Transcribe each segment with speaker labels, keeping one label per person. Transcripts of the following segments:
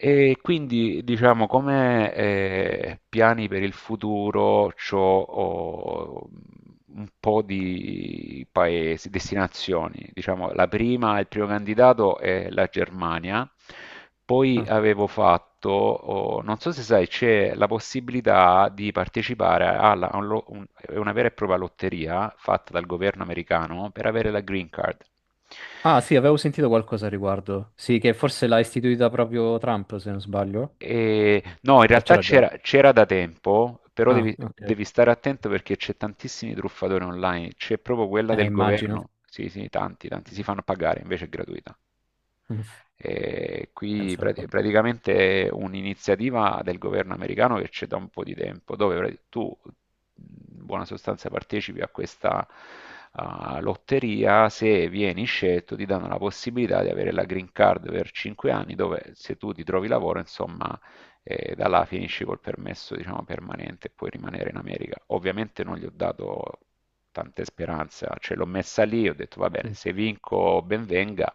Speaker 1: E quindi, diciamo, come
Speaker 2: Sì.
Speaker 1: piani per il futuro, c'ho un po' di paesi, destinazioni. Diciamo, la prima, il primo candidato è la Germania. Poi
Speaker 2: Ah.
Speaker 1: avevo fatto, non so se sai, c'è la possibilità di partecipare alla- a un lo- un- è una vera e propria lotteria fatta dal governo americano per avere la green card.
Speaker 2: Ah, sì, avevo sentito qualcosa a riguardo. Sì, che forse l'ha istituita proprio Trump, se non sbaglio.
Speaker 1: No, in
Speaker 2: O
Speaker 1: realtà
Speaker 2: c'era già? Mm.
Speaker 1: c'era da tempo, però
Speaker 2: Ah,
Speaker 1: devi,
Speaker 2: ok.
Speaker 1: devi stare attento perché c'è tantissimi truffatori online, c'è proprio quella
Speaker 2: Eh,
Speaker 1: del
Speaker 2: immagino.
Speaker 1: governo, sì sì, tanti, tanti si fanno pagare, invece è gratuita.
Speaker 2: Mm.
Speaker 1: E qui
Speaker 2: Pensa un po'.
Speaker 1: praticamente è un'iniziativa del governo americano che c'è da un po' di tempo, dove tu in buona sostanza partecipi a questa lotteria, se vieni scelto ti danno la possibilità di avere la green card per 5 anni, dove se tu ti trovi lavoro, insomma, da là finisci col permesso, diciamo, permanente e puoi rimanere in America. Ovviamente non gli ho dato tante speranze, ce l'ho messa lì, ho detto va bene,
Speaker 2: Mm.
Speaker 1: se vinco ben venga.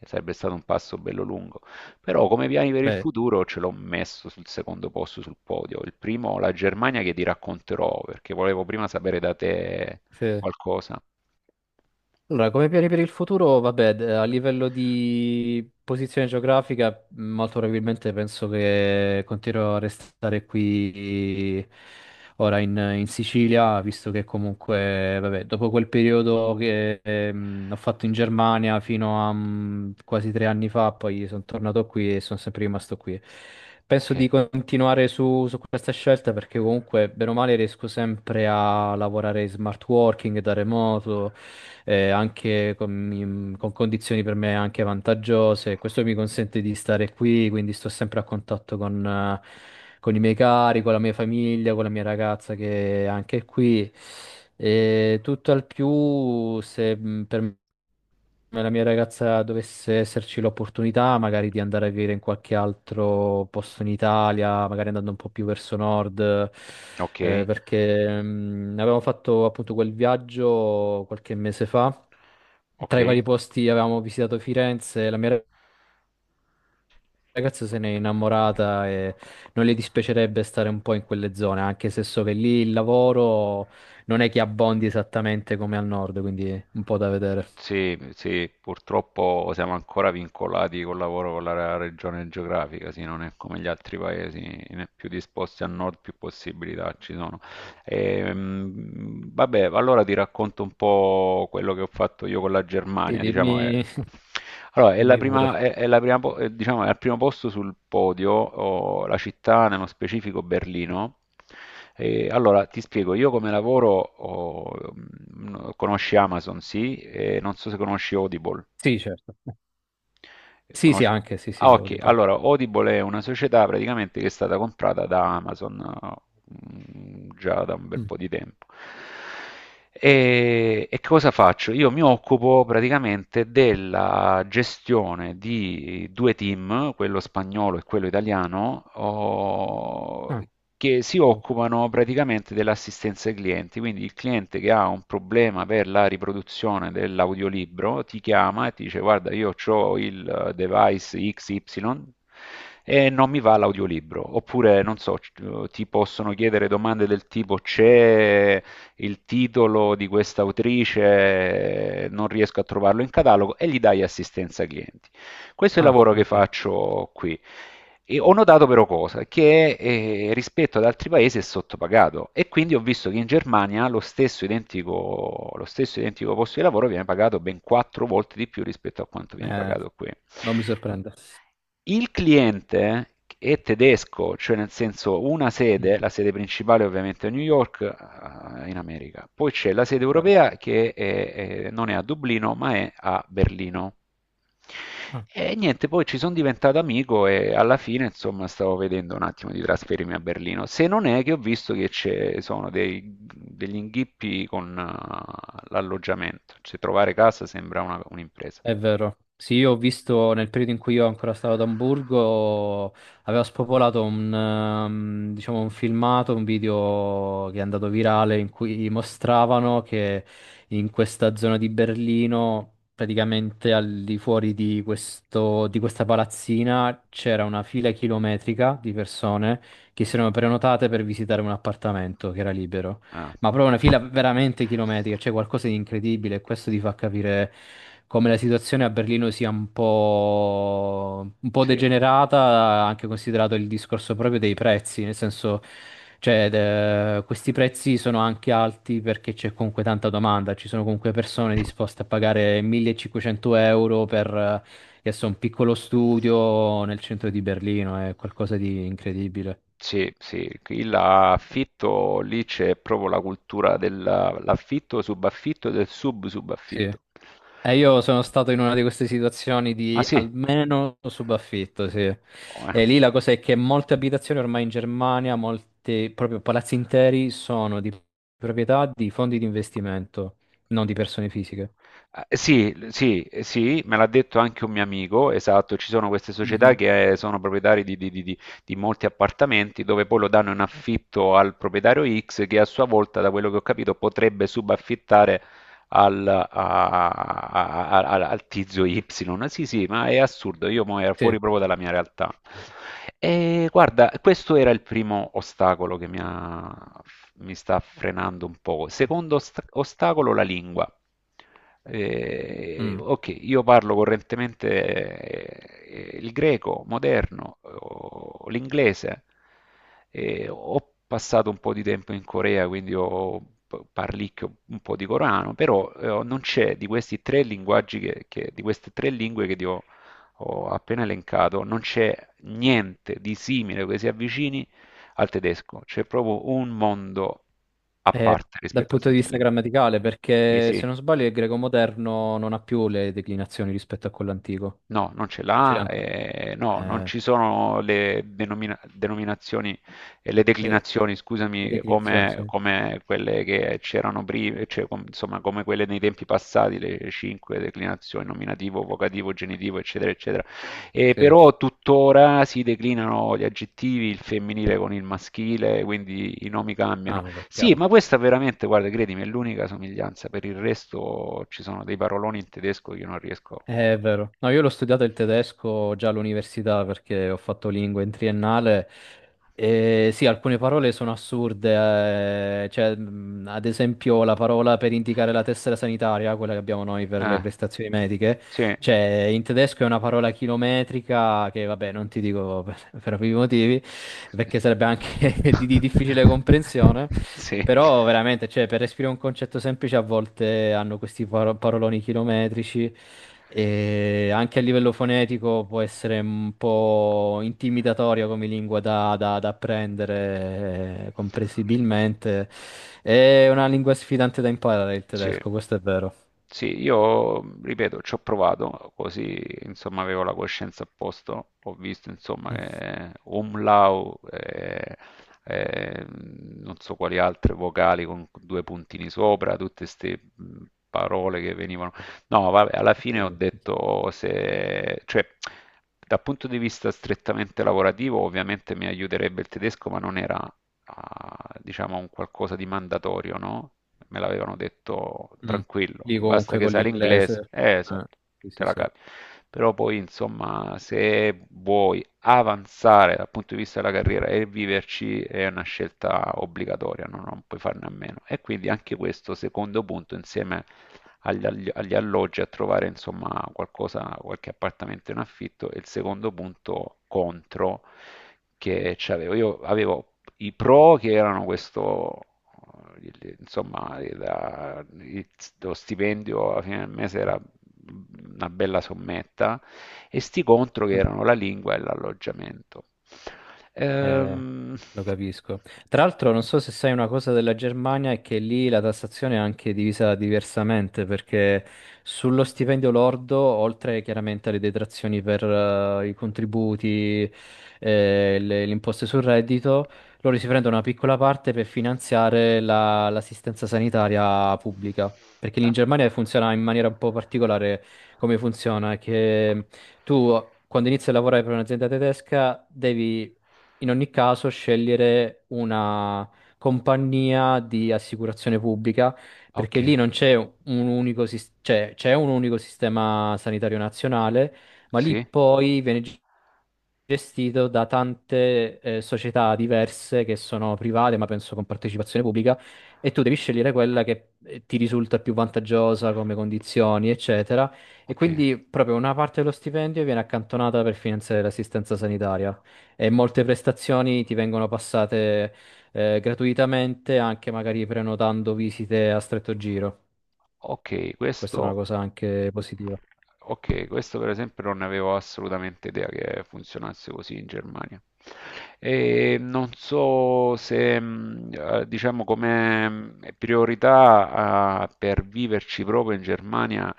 Speaker 1: Sarebbe stato un passo bello lungo, però come piani per il
Speaker 2: Beh,
Speaker 1: futuro ce l'ho messo sul secondo posto sul podio. Il primo, la Germania, che ti racconterò perché volevo prima sapere da te
Speaker 2: sì.
Speaker 1: qualcosa.
Speaker 2: Allora, come piani per il futuro, vabbè, a livello di posizione geografica, molto probabilmente penso che continuerò a restare qui ora in Sicilia, visto che comunque, vabbè, dopo quel periodo che ho fatto in Germania fino a quasi 3 anni fa, poi sono tornato qui e sono sempre rimasto qui.
Speaker 1: Ok,
Speaker 2: Penso di continuare su questa scelta perché comunque, bene o male, riesco sempre a lavorare in smart working da remoto, anche con, con condizioni per me anche vantaggiose. Questo mi consente di stare qui, quindi sto sempre a contatto con i miei cari, con la mia famiglia, con la mia ragazza che è anche qui. E tutto al più, se per me la mia ragazza dovesse esserci l'opportunità magari di andare a vivere in qualche altro posto in Italia, magari andando un po' più verso nord,
Speaker 1: ok,
Speaker 2: perché avevamo fatto appunto quel viaggio qualche mese fa.
Speaker 1: ok.
Speaker 2: Tra i vari posti avevamo visitato Firenze, la mia ragazza se n'è innamorata e non le dispiacerebbe stare un po' in quelle zone, anche se so che lì il lavoro non è che abbondi esattamente come al nord, quindi è un po' da vedere.
Speaker 1: Sì, sì, purtroppo siamo ancora vincolati col lavoro con la regione geografica, sì, non è come gli altri paesi, né più disposti a nord più possibilità ci sono. Vabbè, allora ti racconto un po' quello che ho fatto io con la
Speaker 2: E
Speaker 1: Germania, diciamo che...
Speaker 2: dimmi,
Speaker 1: Allora, è la
Speaker 2: dimmi
Speaker 1: prima,
Speaker 2: pure.
Speaker 1: è la prima diciamo, è al primo posto sul podio, la città, nello specifico Berlino. E allora, ti spiego, io come lavoro, conosci Amazon, sì, e non so se conosci Audible.
Speaker 2: Sì, certo.
Speaker 1: Eh,
Speaker 2: Sì, sì,
Speaker 1: conosce-
Speaker 2: anche, sì,
Speaker 1: Ah,
Speaker 2: sì,
Speaker 1: ok.
Speaker 2: Audible.
Speaker 1: Allora, Audible è una società praticamente che è stata comprata da Amazon già da un bel
Speaker 2: Mm.
Speaker 1: po' di tempo. E cosa faccio? Io mi occupo praticamente della gestione di due team, quello spagnolo e quello italiano,
Speaker 2: Ah,
Speaker 1: che si
Speaker 2: oh.
Speaker 1: occupano praticamente dell'assistenza ai clienti. Quindi il cliente che ha un problema per la riproduzione dell'audiolibro ti chiama e ti dice: Guarda, io ho il device XY e non mi va l'audiolibro. Oppure, non so, ti possono chiedere domande del tipo: C'è il titolo di questa autrice? Non riesco a trovarlo in catalogo e gli dai assistenza ai clienti. Questo è il
Speaker 2: Ah,
Speaker 1: lavoro che
Speaker 2: ok.
Speaker 1: faccio qui. E ho notato però cosa? Che rispetto ad altri paesi è sottopagato e quindi ho visto che in Germania lo stesso identico posto di lavoro viene pagato ben quattro volte di più rispetto a quanto viene
Speaker 2: Eh,
Speaker 1: pagato qui.
Speaker 2: non mi sorprende.
Speaker 1: Il cliente è tedesco, cioè nel senso una
Speaker 2: Mm.
Speaker 1: sede, la sede principale ovviamente è New York, in America. Poi c'è la sede
Speaker 2: Chiaro.
Speaker 1: europea che non è a Dublino, ma è a Berlino. E niente, poi ci sono diventato amico e alla fine, insomma, stavo vedendo un attimo di trasferirmi a Berlino. Se non è che ho visto che ci sono degli inghippi con l'alloggiamento, cioè trovare casa sembra un'impresa.
Speaker 2: È vero. Sì, io ho visto nel periodo in cui io ancora stavo ad Amburgo, aveva spopolato diciamo, un filmato, un video che è andato virale in cui mostravano che in questa zona di Berlino, praticamente al di fuori di questa palazzina, c'era una fila chilometrica di persone che si erano prenotate per visitare un appartamento che era libero.
Speaker 1: Ah,
Speaker 2: Ma proprio una fila veramente chilometrica, c'è qualcosa di incredibile e questo ti fa capire come la situazione a Berlino sia un po'
Speaker 1: sì.
Speaker 2: degenerata, anche considerato il discorso proprio dei prezzi, nel senso, cioè, questi prezzi sono anche alti perché c'è comunque tanta domanda, ci sono comunque persone disposte a pagare 1500 euro per adesso un piccolo studio nel centro di Berlino, è qualcosa di incredibile.
Speaker 1: Sì, sì, qui l'affitto, lì c'è proprio la cultura dell'affitto, subaffitto e del
Speaker 2: Sì.
Speaker 1: sub-subaffitto.
Speaker 2: E io sono stato in una di queste situazioni
Speaker 1: Ah
Speaker 2: di
Speaker 1: sì?
Speaker 2: almeno subaffitto, sì.
Speaker 1: Oh, eh.
Speaker 2: E lì la cosa è che molte abitazioni ormai in Germania, molti proprio palazzi interi sono di proprietà di fondi di investimento, non di persone fisiche.
Speaker 1: Sì, sì, sì, me l'ha detto anche un mio amico, esatto, ci sono queste società
Speaker 2: Mhm.
Speaker 1: che sono proprietari di molti appartamenti dove poi lo danno in affitto al proprietario X che a sua volta, da quello che ho capito, potrebbe subaffittare al, a- a- a- a- al tizio Y. Sì, sì, ma è assurdo, io mo ero
Speaker 2: Sì.
Speaker 1: fuori proprio dalla mia realtà. E guarda, questo era il primo ostacolo che mi sta frenando un po'. Secondo ostacolo, la lingua.
Speaker 2: Mm.
Speaker 1: Ok, io parlo correntemente il greco moderno, o l'inglese, ho passato un po' di tempo in Corea, quindi parlicchio un po' di Corano, però non c'è di questi tre linguaggi di queste tre lingue che ti ho appena elencato, non c'è niente di simile che si avvicini al tedesco, c'è proprio un mondo a
Speaker 2: Eh,
Speaker 1: parte
Speaker 2: dal
Speaker 1: rispetto a
Speaker 2: punto
Speaker 1: queste
Speaker 2: di
Speaker 1: tre
Speaker 2: vista
Speaker 1: lingue.
Speaker 2: grammaticale,
Speaker 1: Sì,
Speaker 2: perché
Speaker 1: sì.
Speaker 2: se non sbaglio il greco moderno non ha più le declinazioni rispetto a quello antico.
Speaker 1: No, non ce
Speaker 2: O ce le
Speaker 1: l'ha,
Speaker 2: ha ancora?
Speaker 1: no, non
Speaker 2: Eh,
Speaker 1: ci sono le denominazioni, le
Speaker 2: le,
Speaker 1: declinazioni,
Speaker 2: le
Speaker 1: scusami,
Speaker 2: declinazioni,
Speaker 1: come,
Speaker 2: sì.
Speaker 1: come quelle che c'erano prima, cioè, insomma, come quelle nei tempi passati, le cinque declinazioni, nominativo, vocativo, genitivo, eccetera, eccetera.
Speaker 2: Sì.
Speaker 1: Però tuttora si declinano gli aggettivi, il femminile con il maschile, quindi i nomi cambiano.
Speaker 2: Ah, vabbè,
Speaker 1: Sì,
Speaker 2: chiaro.
Speaker 1: ma questa veramente, guarda, credimi, è l'unica somiglianza, per il resto ci sono dei paroloni in tedesco che io non riesco a...
Speaker 2: È vero. No, io l'ho studiato il tedesco già all'università perché ho fatto lingue in triennale e sì, alcune parole sono assurde, cioè, ad esempio la parola per indicare la tessera sanitaria, quella che abbiamo noi per le
Speaker 1: Eh,
Speaker 2: prestazioni mediche,
Speaker 1: sì.
Speaker 2: cioè in tedesco è una parola chilometrica che vabbè non ti dico per ovvi motivi perché sarebbe anche di difficile comprensione.
Speaker 1: Sì.
Speaker 2: Però veramente, cioè, per esprimere un concetto semplice a volte hanno questi paroloni chilometrici e anche a livello fonetico può essere un po' intimidatorio come lingua da apprendere, comprensibilmente. È una lingua sfidante da imparare il
Speaker 1: Sì.
Speaker 2: tedesco, questo è vero.
Speaker 1: Sì, io ripeto, ci ho provato, così insomma avevo la coscienza a posto, ho visto insomma
Speaker 2: Mm.
Speaker 1: umlau, non so quali altre vocali con due puntini sopra, tutte queste parole che venivano. No, vabbè, alla fine ho
Speaker 2: Sì.
Speaker 1: detto se, cioè, dal punto di vista strettamente lavorativo, ovviamente mi aiuterebbe il tedesco, ma non era a, diciamo, a un qualcosa di mandatorio, no? Me l'avevano detto
Speaker 2: Mm.
Speaker 1: tranquillo,
Speaker 2: Lì
Speaker 1: basta
Speaker 2: comunque
Speaker 1: che
Speaker 2: con
Speaker 1: sai l'inglese,
Speaker 2: l'inglese.
Speaker 1: esatto, te la capi. Però poi, insomma, se vuoi avanzare dal punto di vista della carriera e viverci è una scelta obbligatoria, no? Non puoi farne a meno. E quindi anche questo secondo punto, insieme agli alloggi, a trovare, insomma, qualcosa, qualche appartamento in affitto, e il secondo punto contro che c'avevo. Io avevo i pro che erano questo, insomma, lo stipendio alla fine del mese era una bella sommetta, e sti contro che
Speaker 2: Eh.
Speaker 1: erano la lingua e l'alloggiamento.
Speaker 2: Eh,
Speaker 1: Ehm,
Speaker 2: lo capisco. Tra l'altro, non so se sai una cosa della Germania, è che lì la tassazione è anche divisa diversamente, perché sullo stipendio lordo, oltre chiaramente alle detrazioni per i contributi, le imposte sul reddito, loro si prendono una piccola parte per finanziare l'assistenza sanitaria pubblica. Perché lì
Speaker 1: ah,
Speaker 2: in Germania funziona in maniera un po' particolare come funziona, è che tu quando inizi a lavorare per un'azienda tedesca devi in ogni caso scegliere una compagnia di assicurazione pubblica,
Speaker 1: ok,
Speaker 2: perché lì non c'è un unico, cioè, c'è un unico sistema sanitario nazionale, ma lì
Speaker 1: sì,
Speaker 2: poi viene gestito da tante società diverse che sono private, ma penso con partecipazione pubblica, e tu devi scegliere quella che ti risulta più vantaggiosa come condizioni, eccetera. E
Speaker 1: ok.
Speaker 2: quindi proprio una parte dello stipendio viene accantonata per finanziare l'assistenza sanitaria e molte prestazioni ti vengono passate gratuitamente, anche magari prenotando visite a stretto giro.
Speaker 1: Ok,
Speaker 2: Questa è una
Speaker 1: questo,
Speaker 2: cosa anche positiva.
Speaker 1: ok, questo per esempio non ne avevo assolutamente idea che funzionasse così in Germania. E non so se, diciamo, come priorità, per viverci proprio in Germania,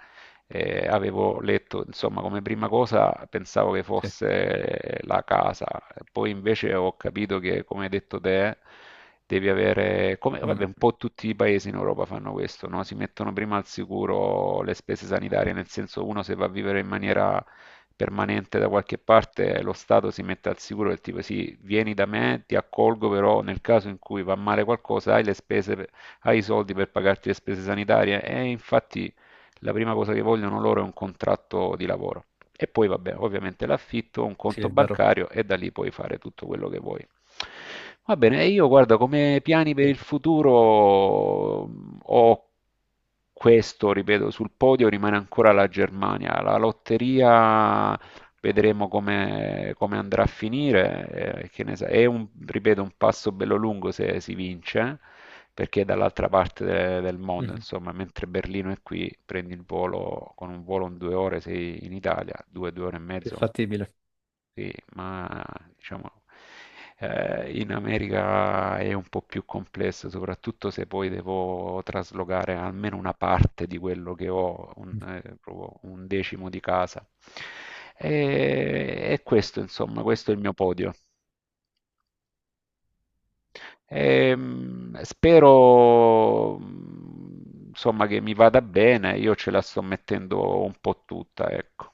Speaker 1: avevo letto, insomma, come prima cosa pensavo che
Speaker 2: Sì,
Speaker 1: fosse la casa, poi invece ho capito che, come hai detto te, devi avere, come
Speaker 2: mm,
Speaker 1: vabbè, un po' tutti i paesi in Europa fanno questo, no? Si mettono prima al sicuro le spese sanitarie, nel senso uno se va a vivere in maniera permanente da qualche parte, lo Stato si mette al sicuro del tipo sì, vieni da me, ti accolgo, però nel caso in cui va male qualcosa hai le spese, hai i soldi per pagarti le spese sanitarie e infatti la prima cosa che vogliono loro è un contratto di lavoro. E poi, vabbè, ovviamente l'affitto, un
Speaker 2: sì,
Speaker 1: conto
Speaker 2: è vero.
Speaker 1: bancario e da lì puoi fare tutto quello che vuoi. Va bene, e io guarda, come piani per
Speaker 2: Sì.
Speaker 1: il futuro ho questo, ripeto, sul podio rimane ancora la Germania. La lotteria vedremo come andrà a finire, è un, ripeto, un passo bello lungo se si vince, perché è dall'altra parte del mondo,
Speaker 2: Mhm.
Speaker 1: insomma, mentre Berlino è qui, prendi il volo, con un volo in 2 ore sei in Italia, due ore e
Speaker 2: Più
Speaker 1: mezzo,
Speaker 2: fattibile.
Speaker 1: sì, ma diciamo in America è un po' più complesso, soprattutto se poi devo traslocare almeno una parte di quello che ho,
Speaker 2: Mm.
Speaker 1: proprio un decimo di casa. E questo, insomma, questo è il mio podio. Spero, insomma, che mi vada bene, io ce la sto mettendo un po' tutta, ecco.